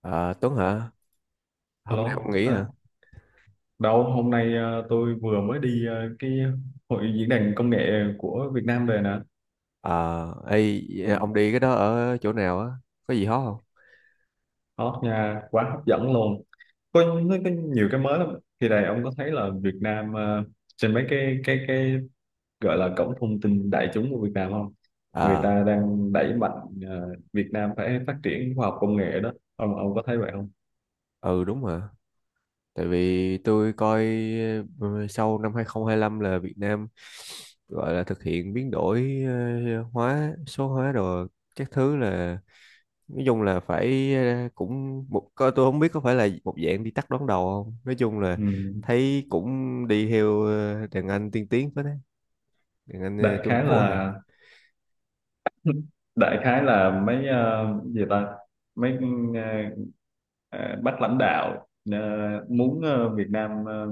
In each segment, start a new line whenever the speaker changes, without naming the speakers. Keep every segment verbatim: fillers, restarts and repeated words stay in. Ờ, Tuấn hả? Hôm nay ông
Alo,
nghỉ
à,
hả?
đâu hôm nay ờ, tôi vừa mới đi ờ, cái hội diễn đàn công nghệ của Việt Nam về nè.
Ờ, ê,
Ừ.
ông đi cái đó ở chỗ nào á? Có gì hot không?
Hot nha, quá hấp dẫn luôn. Có, nó có nhiều cái mới lắm. Thì này ông có thấy là Việt Nam ờ, trên mấy cái cái cái gọi là cổng thông tin đại chúng của Việt Nam không? Người
Ờ,
ta đang đẩy mạnh ờ, Việt Nam phải phát triển khoa học công nghệ đó. Ông ông có thấy vậy không?
ừ đúng hả? Tại vì tôi coi ừ, sau năm hai không hai lăm là Việt Nam gọi là thực hiện biến đổi ờ, hóa, số hóa rồi các thứ là nói chung là phải ờ, cũng một có, tôi không biết có phải là một dạng đi tắt đón đầu không? Nói chung là
Ừ.
thấy cũng đi theo ờ, đàn anh tiên tiến phết đấy, đàn anh ờ,
Đại
Trung
khái
Cổ hả?
là đại khái là mấy ờ, gì ta mấy ờ, ờ, bác lãnh đạo ờ, muốn ờ, Việt Nam ờ,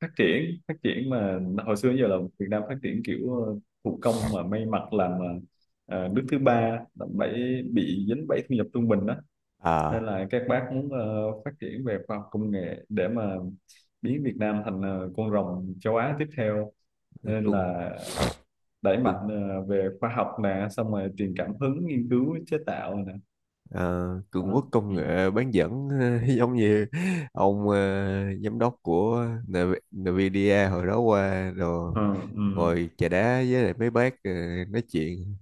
phát triển phát triển mà hồi xưa giờ là Việt Nam phát triển kiểu ờ, thủ công mà may mặc làm ờ, nước thứ ba làm bẫy bị dính bẫy thu nhập trung bình đó nên
Ờ.
là các bác muốn ờ, phát triển về khoa học công nghệ để mà biến Việt Nam thành ờ, con rồng châu Á tiếp theo nên
Cùng
là đẩy mạnh
cường
ờ, về khoa học nè xong rồi truyền cảm hứng nghiên cứu chế tạo nè
ờ, Cường
đó.
quốc công
Ừ.
nghệ bán dẫn giống như ông, ờ, giám đốc của Nv- Nvidia hồi đó qua rồi
Ờ, ừ,
ngồi chà đá với lại mấy bác, ờ, nói chuyện,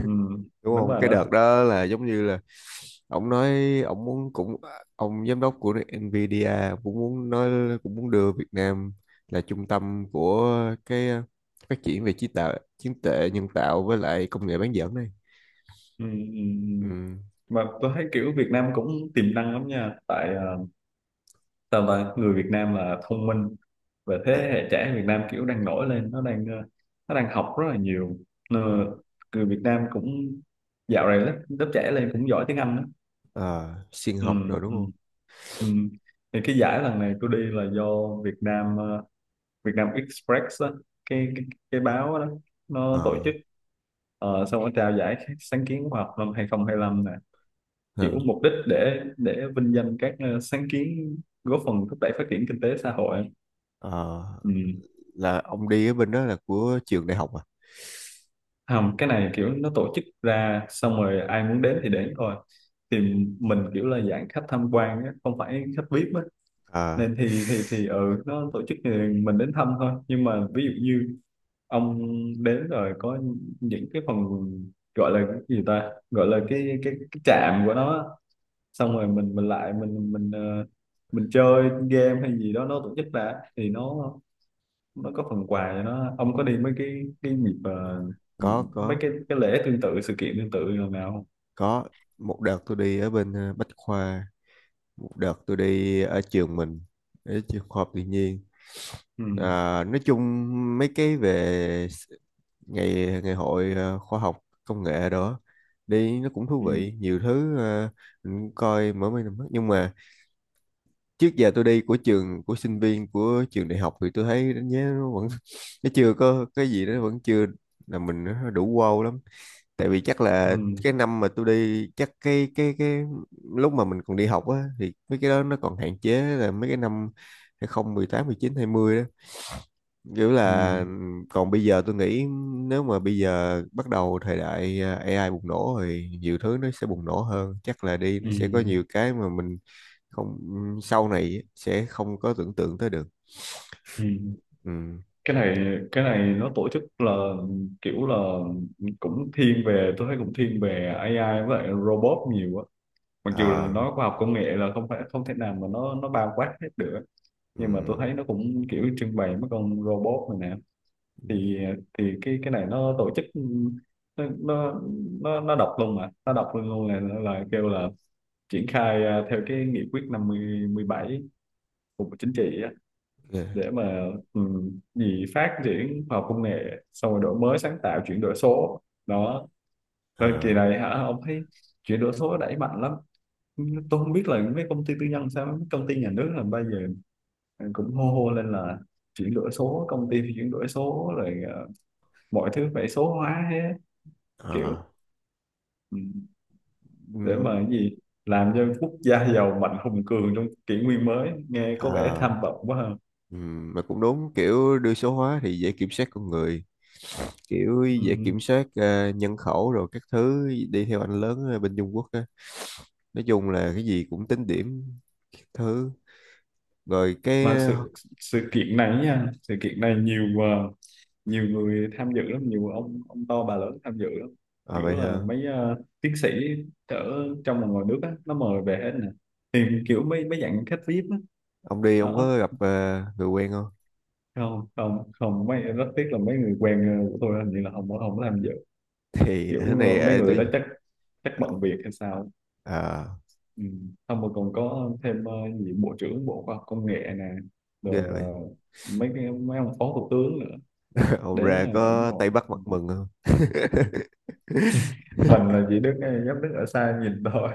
ừ,
đúng
đúng
không?
rồi
Cái
đó.
đợt đó là giống như là ông nói, ông muốn, cũng ông giám đốc của Nvidia cũng muốn nói, cũng muốn đưa Việt Nam là trung tâm của cái ờ, phát triển về trí tạo trí tuệ nhân tạo với lại công nghệ bán dẫn này.
Ừ, ừ. Ừ.
Ừ.
Mà tôi thấy kiểu Việt Nam cũng tiềm năng lắm nha, tại ờ, sao ta người Việt Nam là thông minh và thế
À,
hệ trẻ Việt Nam kiểu đang nổi lên, nó đang ờ, nó đang học rất là nhiều. Ờ,
ừ.
người Việt Nam cũng dạo này lớp, lớp trẻ lên cũng giỏi tiếng Anh đó.
ờ, Sinh
Ừ,
học rồi đúng
ừ.
không?
Ừ. Thì cái giải lần này tôi đi là do Việt Nam ờ, Việt Nam Express đó, cái, cái cái báo đó nó tổ
ờ
chức, ờ, xong nó trao giải sáng kiến khoa học năm hai không hai lăm nè, kiểu
ờ,
mục đích để để vinh danh các ờ, sáng kiến góp phần thúc đẩy phát triển kinh tế xã hội.
ờ,
Ừ.
là ông đi ở bên đó là của trường đại học à?
Không, cái này kiểu nó tổ chức ra xong rồi ai muốn đến thì đến thôi, thì mình kiểu là dạng khách tham quan á, không phải khách vi ai pi á,
Ờ,
nên thì thì thì ừ nó tổ chức thì mình đến thăm thôi. Nhưng mà ví dụ như ông đến rồi có những cái phần gọi là cái gì ta, gọi là cái cái, cái trạm của nó á. Xong rồi mình mình lại mình mình ờ, mình chơi game hay gì đó nó tổ chức đã thì nó nó có phần quà cho nó. Ông có đi mấy cái cái dịp ờ,
có
mấy
có
cái cái lễ tương tự, sự kiện tương tự nào nào không?
có. Một đợt tôi đi ở bên ờ, Bách Khoa, một đợt tôi đi ở trường mình, ở trường khoa học tự nhiên.
Ừ,
Ờ, nói chung mấy cái về s- ngày ngày hội ờ, khoa học công nghệ đó, đi nó cũng thú
ừ,
vị nhiều thứ. Ờ, mình cũng coi mỗi mấy năm nhưng mà trước giờ tôi đi của trường, của sinh viên, của trường đại học thì tôi thấy đánh giá nó vẫn nó chưa có cái gì đó, vẫn chưa là mình, nó đủ wow lắm. Tại vì chắc
ừ,
là cái năm mà tôi đi, chắc cái cái cái lúc mà mình còn đi học á, thì mấy cái đó nó còn hạn chế, là mấy cái năm hai không mười tám mười chín hai mươi đó, kiểu
ừ,
là còn bây giờ tôi nghĩ nếu mà bây giờ bắt đầu thời đại à, a i bùng nổ thì nhiều thứ nó sẽ bùng nổ hơn, chắc là đi nó
ừ,
sẽ có nhiều cái mà mình không, sau này sẽ không có tưởng tượng tới được.
ừ, ừ.
Ừ.
cái này cái này nó tổ chức là kiểu là cũng thiên về, tôi thấy cũng thiên về a i với lại robot nhiều á, mặc dù là
Ờ.
nó khoa học công nghệ là không phải không thể nào mà nó nó bao quát hết được.
Ừ.
Nhưng mà tôi thấy nó cũng kiểu trưng bày mấy con robot này nè. thì thì cái cái này nó tổ chức, nó nó nó, nó đọc luôn, mà nó đọc luôn luôn là là kêu là triển khai à, theo cái nghị quyết năm mươi mười bảy của Bộ Chính trị á,
Yeah.
để mà um, gì phát triển khoa học công nghệ xong rồi đổi mới sáng tạo, chuyển đổi số đó. Rồi kỳ
Ờ.
này hả, ông thấy chuyển đổi số đẩy mạnh lắm. Tôi không biết là mấy công ty tư nhân sao, mấy công ty nhà nước là bây giờ cũng hô hô lên là chuyển đổi số, công ty thì chuyển đổi số, rồi ờ, mọi thứ phải số hóa hết kiểu,
Ờ.
ừ, để mà
Ừ.
cái gì làm cho quốc gia giàu mạnh hùng cường trong kỷ nguyên mới, nghe có vẻ
Ờ.
tham vọng quá ha.
Ừ. Mà cũng đúng, kiểu đưa số hóa thì dễ kiểm soát con người, kiểu
Ừ.
dễ kiểm soát ờ, nhân khẩu rồi các thứ, đi theo anh lớn ở bên Trung Quốc. Nói chung là cái gì cũng tính điểm, các thứ, rồi cái
Mà
ờ,
sự sự kiện này nha, sự kiện này nhiều ờ, nhiều người tham dự lắm, nhiều ông ông to bà lớn tham dự lắm,
à
kiểu
vậy
là
hả?
mấy ờ, tiến sĩ ở trong và ngoài nước á nó mời về hết nè, thì kiểu mấy mấy dạng khách vi ai pi á.
Ông đi ông
Đó,
có gặp ờ, người quen không?
không không không, mấy rất tiếc là mấy người quen ờ, của tôi hình như là không có- không có tham dự,
Thì cái
kiểu ờ,
này
mấy
ờ,
người
tôi
đó chắc chắc
à
bận việc hay sao.
à,
Ừ. Xong rồi còn có thêm ờ, gì bộ trưởng bộ khoa học công nghệ nè,
ghê
rồi ờ,
vậy.
mấy cái mấy ông phó thủ tướng nữa
Ông
đến
ra
là ủng
có Tây
hộ.
Bắc mặt mừng không?
Mình là chỉ đứng, dám đứng ở xa nhìn thôi,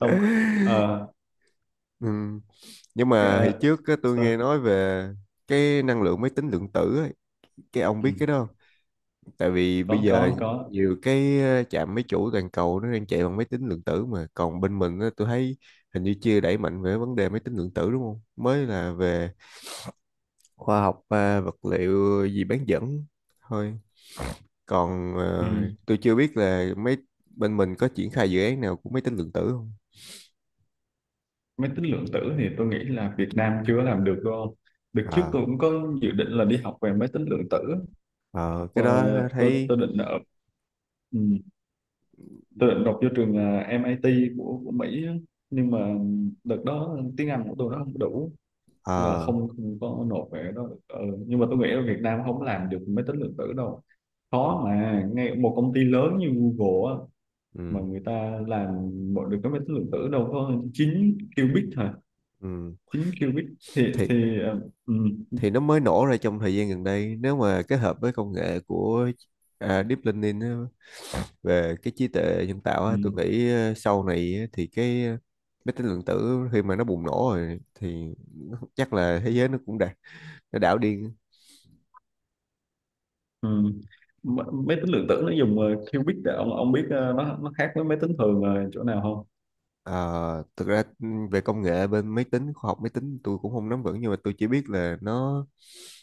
không. Ờ,
Ừ. Nhưng mà hồi
ờ,
trước á, tôi nghe
sao?
nói về cái năng lượng máy tính lượng tử ấy. Cái ông
Ừ.
biết cái đó không? Tại vì bây
Có
giờ
có có.
nhiều cái ờ, trạm máy chủ toàn cầu nó đang chạy bằng máy tính lượng tử, mà còn bên mình á, tôi thấy hình như chưa đẩy mạnh về vấn đề máy tính lượng tử, đúng không? Mới là về khoa học à, vật liệu gì bán dẫn thôi. Còn
Ừ.
ờ, tôi chưa biết là mấy bên mình có triển khai dự án nào của máy tính lượng tử không.
Máy tính lượng tử thì tôi nghĩ là Việt Nam chưa làm được đâu. Đợt trước
à,
tôi cũng có dự định là đi học về máy tính lượng tử, học
ờ, cái
ờ,
đó
tôi
thấy.
tôi định ở ừ, tôi định học vô trường ờ, mít của của Mỹ á. Nhưng mà đợt đó tiếng Anh của tôi nó không đủ, nên là
ờ,
không, không có nộp về đó. Ừ. Nhưng mà tôi nghĩ ở Việt Nam không làm được máy tính lượng tử đâu, khó mà ngay một công ty lớn như Google á, mà
ừ,
người ta làm mọi được cái máy tính lượng tử đâu có chín qubit hả,
ừ,
chín qubit thì
thì
thì ờ, ừ,
thì nó mới nổ ra trong thời gian gần đây, nếu mà kết hợp với công nghệ của à, Deep Learning á, về cái trí tuệ nhân tạo á, tôi
ừ,
nghĩ ờ, sau này á, thì cái ờ, máy tính lượng tử khi mà nó bùng nổ rồi thì nó- chắc là thế giới nó cũng đạt, nó đảo điên.
ừ. M- máy tính lượng tử nó dùng ờ, qubit, để ông ông biết ờ, nó nó khác với máy tính thường ờ, chỗ nào không.
Ờ, thực ra ừ, về công nghệ bên máy tính, khoa học máy tính tôi cũng không nắm vững, nhưng mà tôi chỉ biết là nó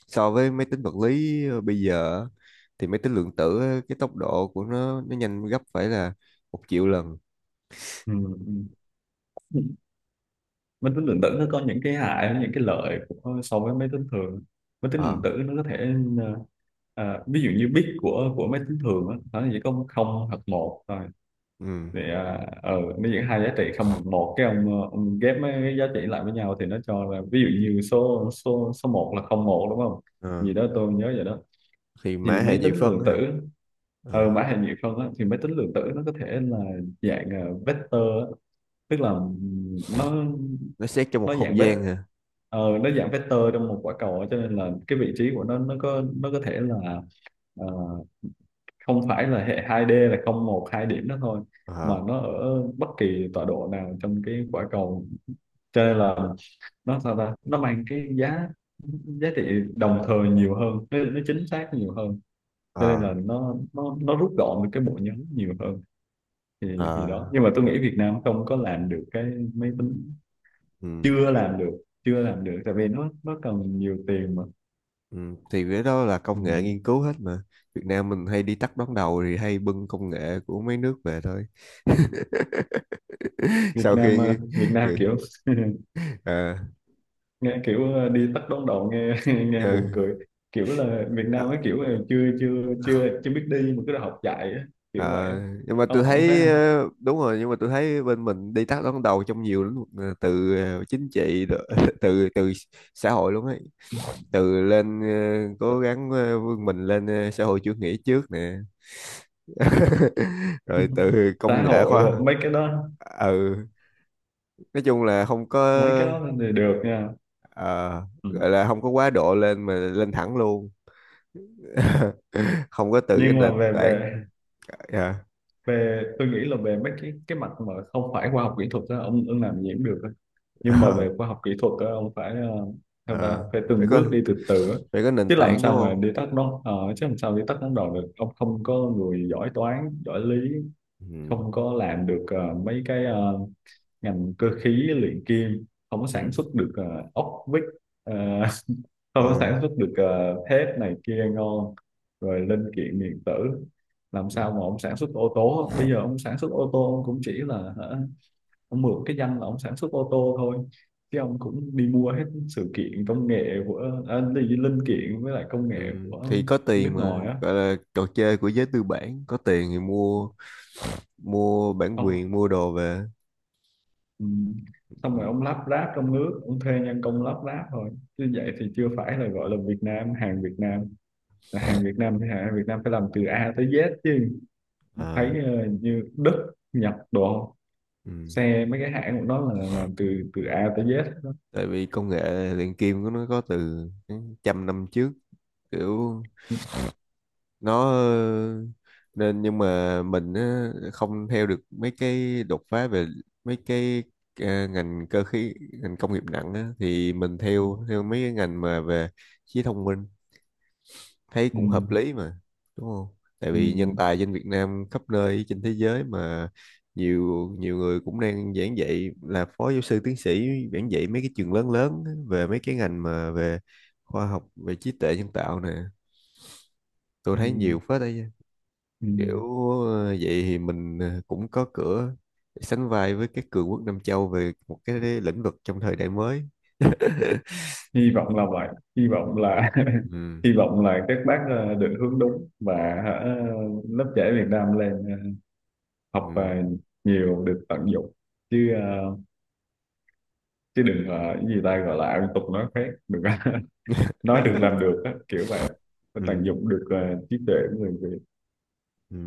so với máy tính vật lý ờ, bây giờ á, thì máy tính lượng tử á, cái tốc độ của nó nó nhanh gấp phải là một triệu lần.
Ừ, ừ. Máy tính lượng tử nó có những cái hại những cái lợi của, so với máy tính thường. Máy tính lượng
Ờ,
tử nó có thể ờ, ờ, ví dụ như bit của của máy tính thường á, nó chỉ có không hoặc một,
ừ,
thì à, ờ nó những hai giá trị không bằng một cái, ông ờ, ông ghép mấy cái giá trị lại với nhau thì nó cho là ví dụ như số số số một là không một đúng không,
ờ.
gì đó tôi nhớ vậy đó.
Thì mã
Thì
hệ
máy
nhị
tính
phân
lượng
á
tử,
hả? Ừ.
ờ mã hình như không á, thì máy tính lượng tử nó có thể là dạng ờ, vector á. Tức là ừm, nó
Nó xét trong một
nó
không
dạng vector,
gian hả?
ờ, nó dạng vector trong một quả cầu á. Cho nên là cái vị trí của nó, nó có nó có thể là à, không phải là hệ hai đê là không một hai điểm đó thôi, mà
Ờ,
nó ở bất kỳ tọa độ nào trong cái quả cầu, cho nên là nó sao ta nó mang cái giá giá trị đồng thời nhiều hơn, nó, nó chính xác nhiều hơn, cho nên
ờ.
là nó nó nó rút gọn được cái bộ nhớ nhiều hơn. thì thì đó.
À,
Nhưng mà tôi nghĩ Việt Nam không có làm được cái máy tính,
ừ,
chưa làm được, chưa làm được tại vì nó nó cần nhiều tiền mà.
ừ. Thì cái đó là
Ừ.
công nghệ nghiên cứu hết mà. Việt Nam mình hay đi tắt đón đầu thì hay bưng công nghệ của mấy nước về thôi.
Việt
Sau khi
Nam ờ,
nghe-
Việt Nam kiểu,
à,
nghe kiểu ờ, đi tắt đón đầu nghe nghe
ừ.
buồn cười, kiểu là Việt
ờ,
Nam ấy kiểu là chưa chưa chưa chưa biết đi mà cứ đòi học chạy á, kiểu vậy
Ờ,
á.
nhưng mà tôi
ông ông thấy
thấy
không?
ờ, đúng rồi, nhưng mà tôi thấy bên mình đi tắt đón đầu trong nhiều lĩnh vực ờ, từ ờ, chính trị đ- từ từ xã hội luôn ấy, từ lên ờ, cố gắng ờ, vươn mình lên ờ, xã hội chủ nghĩa trước nè
Ừ.
rồi từ công
Xã
nghệ
hội đồ
khoa
mấy cái đó,
ừ, nói chung là không có
mấy cái đó thì được nha.
ờ,
Ừ.
gọi là không có quá độ lên mà lên thẳng luôn. Không có từ cái
Nhưng mà
nền
về
tảng.
về
Dạ,
về tôi nghĩ là về mấy cái cái mặt mà không phải khoa học kỹ thuật á, ông ông làm gì cũng được. Nhưng mà
ờ,
về khoa học kỹ thuật á, ông phải ờ, theo ta
ờ,
phải
phải
từng
có
bước đi từ từ á.
phải có nền
Chứ làm
tảng đúng
sao mà
không?
đi tắt nó ờ, chứ làm sao đi tắt đón đầu được, ông không có người giỏi toán giỏi lý,
Ừ.
không có làm được ờ, mấy cái ờ, ngành cơ khí luyện kim, không có
Ừ.
sản xuất được ờ, ốc vít, ờ, không có sản
Ừ.
xuất được ờ, thép này kia ngon, rồi linh kiện điện tử, làm
Ừ.
sao mà ông sản xuất ô tô? Bây giờ ông sản xuất ô tô, ông cũng chỉ là hả, ông mượn cái danh là ông sản xuất ô tô thôi, chứ ông cũng đi mua hết sự kiện công nghệ của à, đi linh kiện với lại công
Ừ.
nghệ của
Thì có
nước
tiền mà,
ngoài á.
gọi là trò chơi của giới tư bản, có tiền thì mua, mua bản
Ông,
quyền, mua đồ về.
ừ. Xong
Ừ.
rồi ông lắp ráp trong nước, ông thuê nhân công lắp ráp thôi, chứ vậy thì chưa phải là gọi là Việt Nam, hàng Việt Nam là hàng Việt Nam thì hàng Việt Nam phải làm từ A tới Z chứ. Thấy
Ờ.
ờ, như Đức Nhật đồ,
Ừ.
xe mấy cái hãng của nó là làm từ từ A tới Z đó.
Tại vì công nghệ luyện kim của nó có từ trăm năm trước, kiểu
Ừ.
nó ờ, nên nhưng mà mình á, không theo được mấy cái đột phá về mấy cái ờ, ngành cơ khí, ngành công nghiệp nặng á, thì mình theo theo mấy cái ngành mà về trí thông minh, thấy
Ừ.
cũng hợp lý mà, đúng không? Tại
Ừ.
vì nhân tài trên Việt Nam khắp nơi trên thế giới mà, nhiều nhiều người cũng đang giảng dạy, là phó giáo sư tiến sĩ giảng dạy mấy cái trường lớn lớn á, về mấy cái ngành mà về khoa học, về trí tuệ nhân tạo nè, tôi
Ừ.
thấy nhiều phết đấy chứ. Kiểu
Ừ.
ờ, vậy thì mình ờ, cũng có cửa để sánh vai với các cường quốc Nam Châu về một cái lĩnh vực trong thời đại mới.
Hy vọng là vậy, hy
Ừ.
vọng là
Ừ.
hy vọng là các bác ờ, định hướng đúng và hả, lớp trẻ Việt Nam lên ờ, học ờ,
Ừ.
nhiều được tận dụng. Chứ ờ, chứ đừng ờ, cái gì ta, gọi là ăn tục nói khác, đừng có- nói được làm được á, kiểu vậy. Phải tận
Ừ.
dụng được ờ, trí tuệ của người Việt.
Ừ.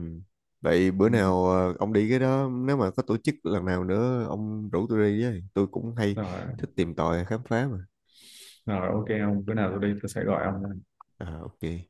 Vậy bữa
Ừ.
nào ờ, ông đi cái đó, nếu mà có tổ chức lần nào nữa ông rủ tôi đi với, tôi cũng hay
Rồi,
thích tìm tòi khám phá mà.
rồi ok, ông bữa nào tôi đi tôi sẽ gọi ông.
À, ok.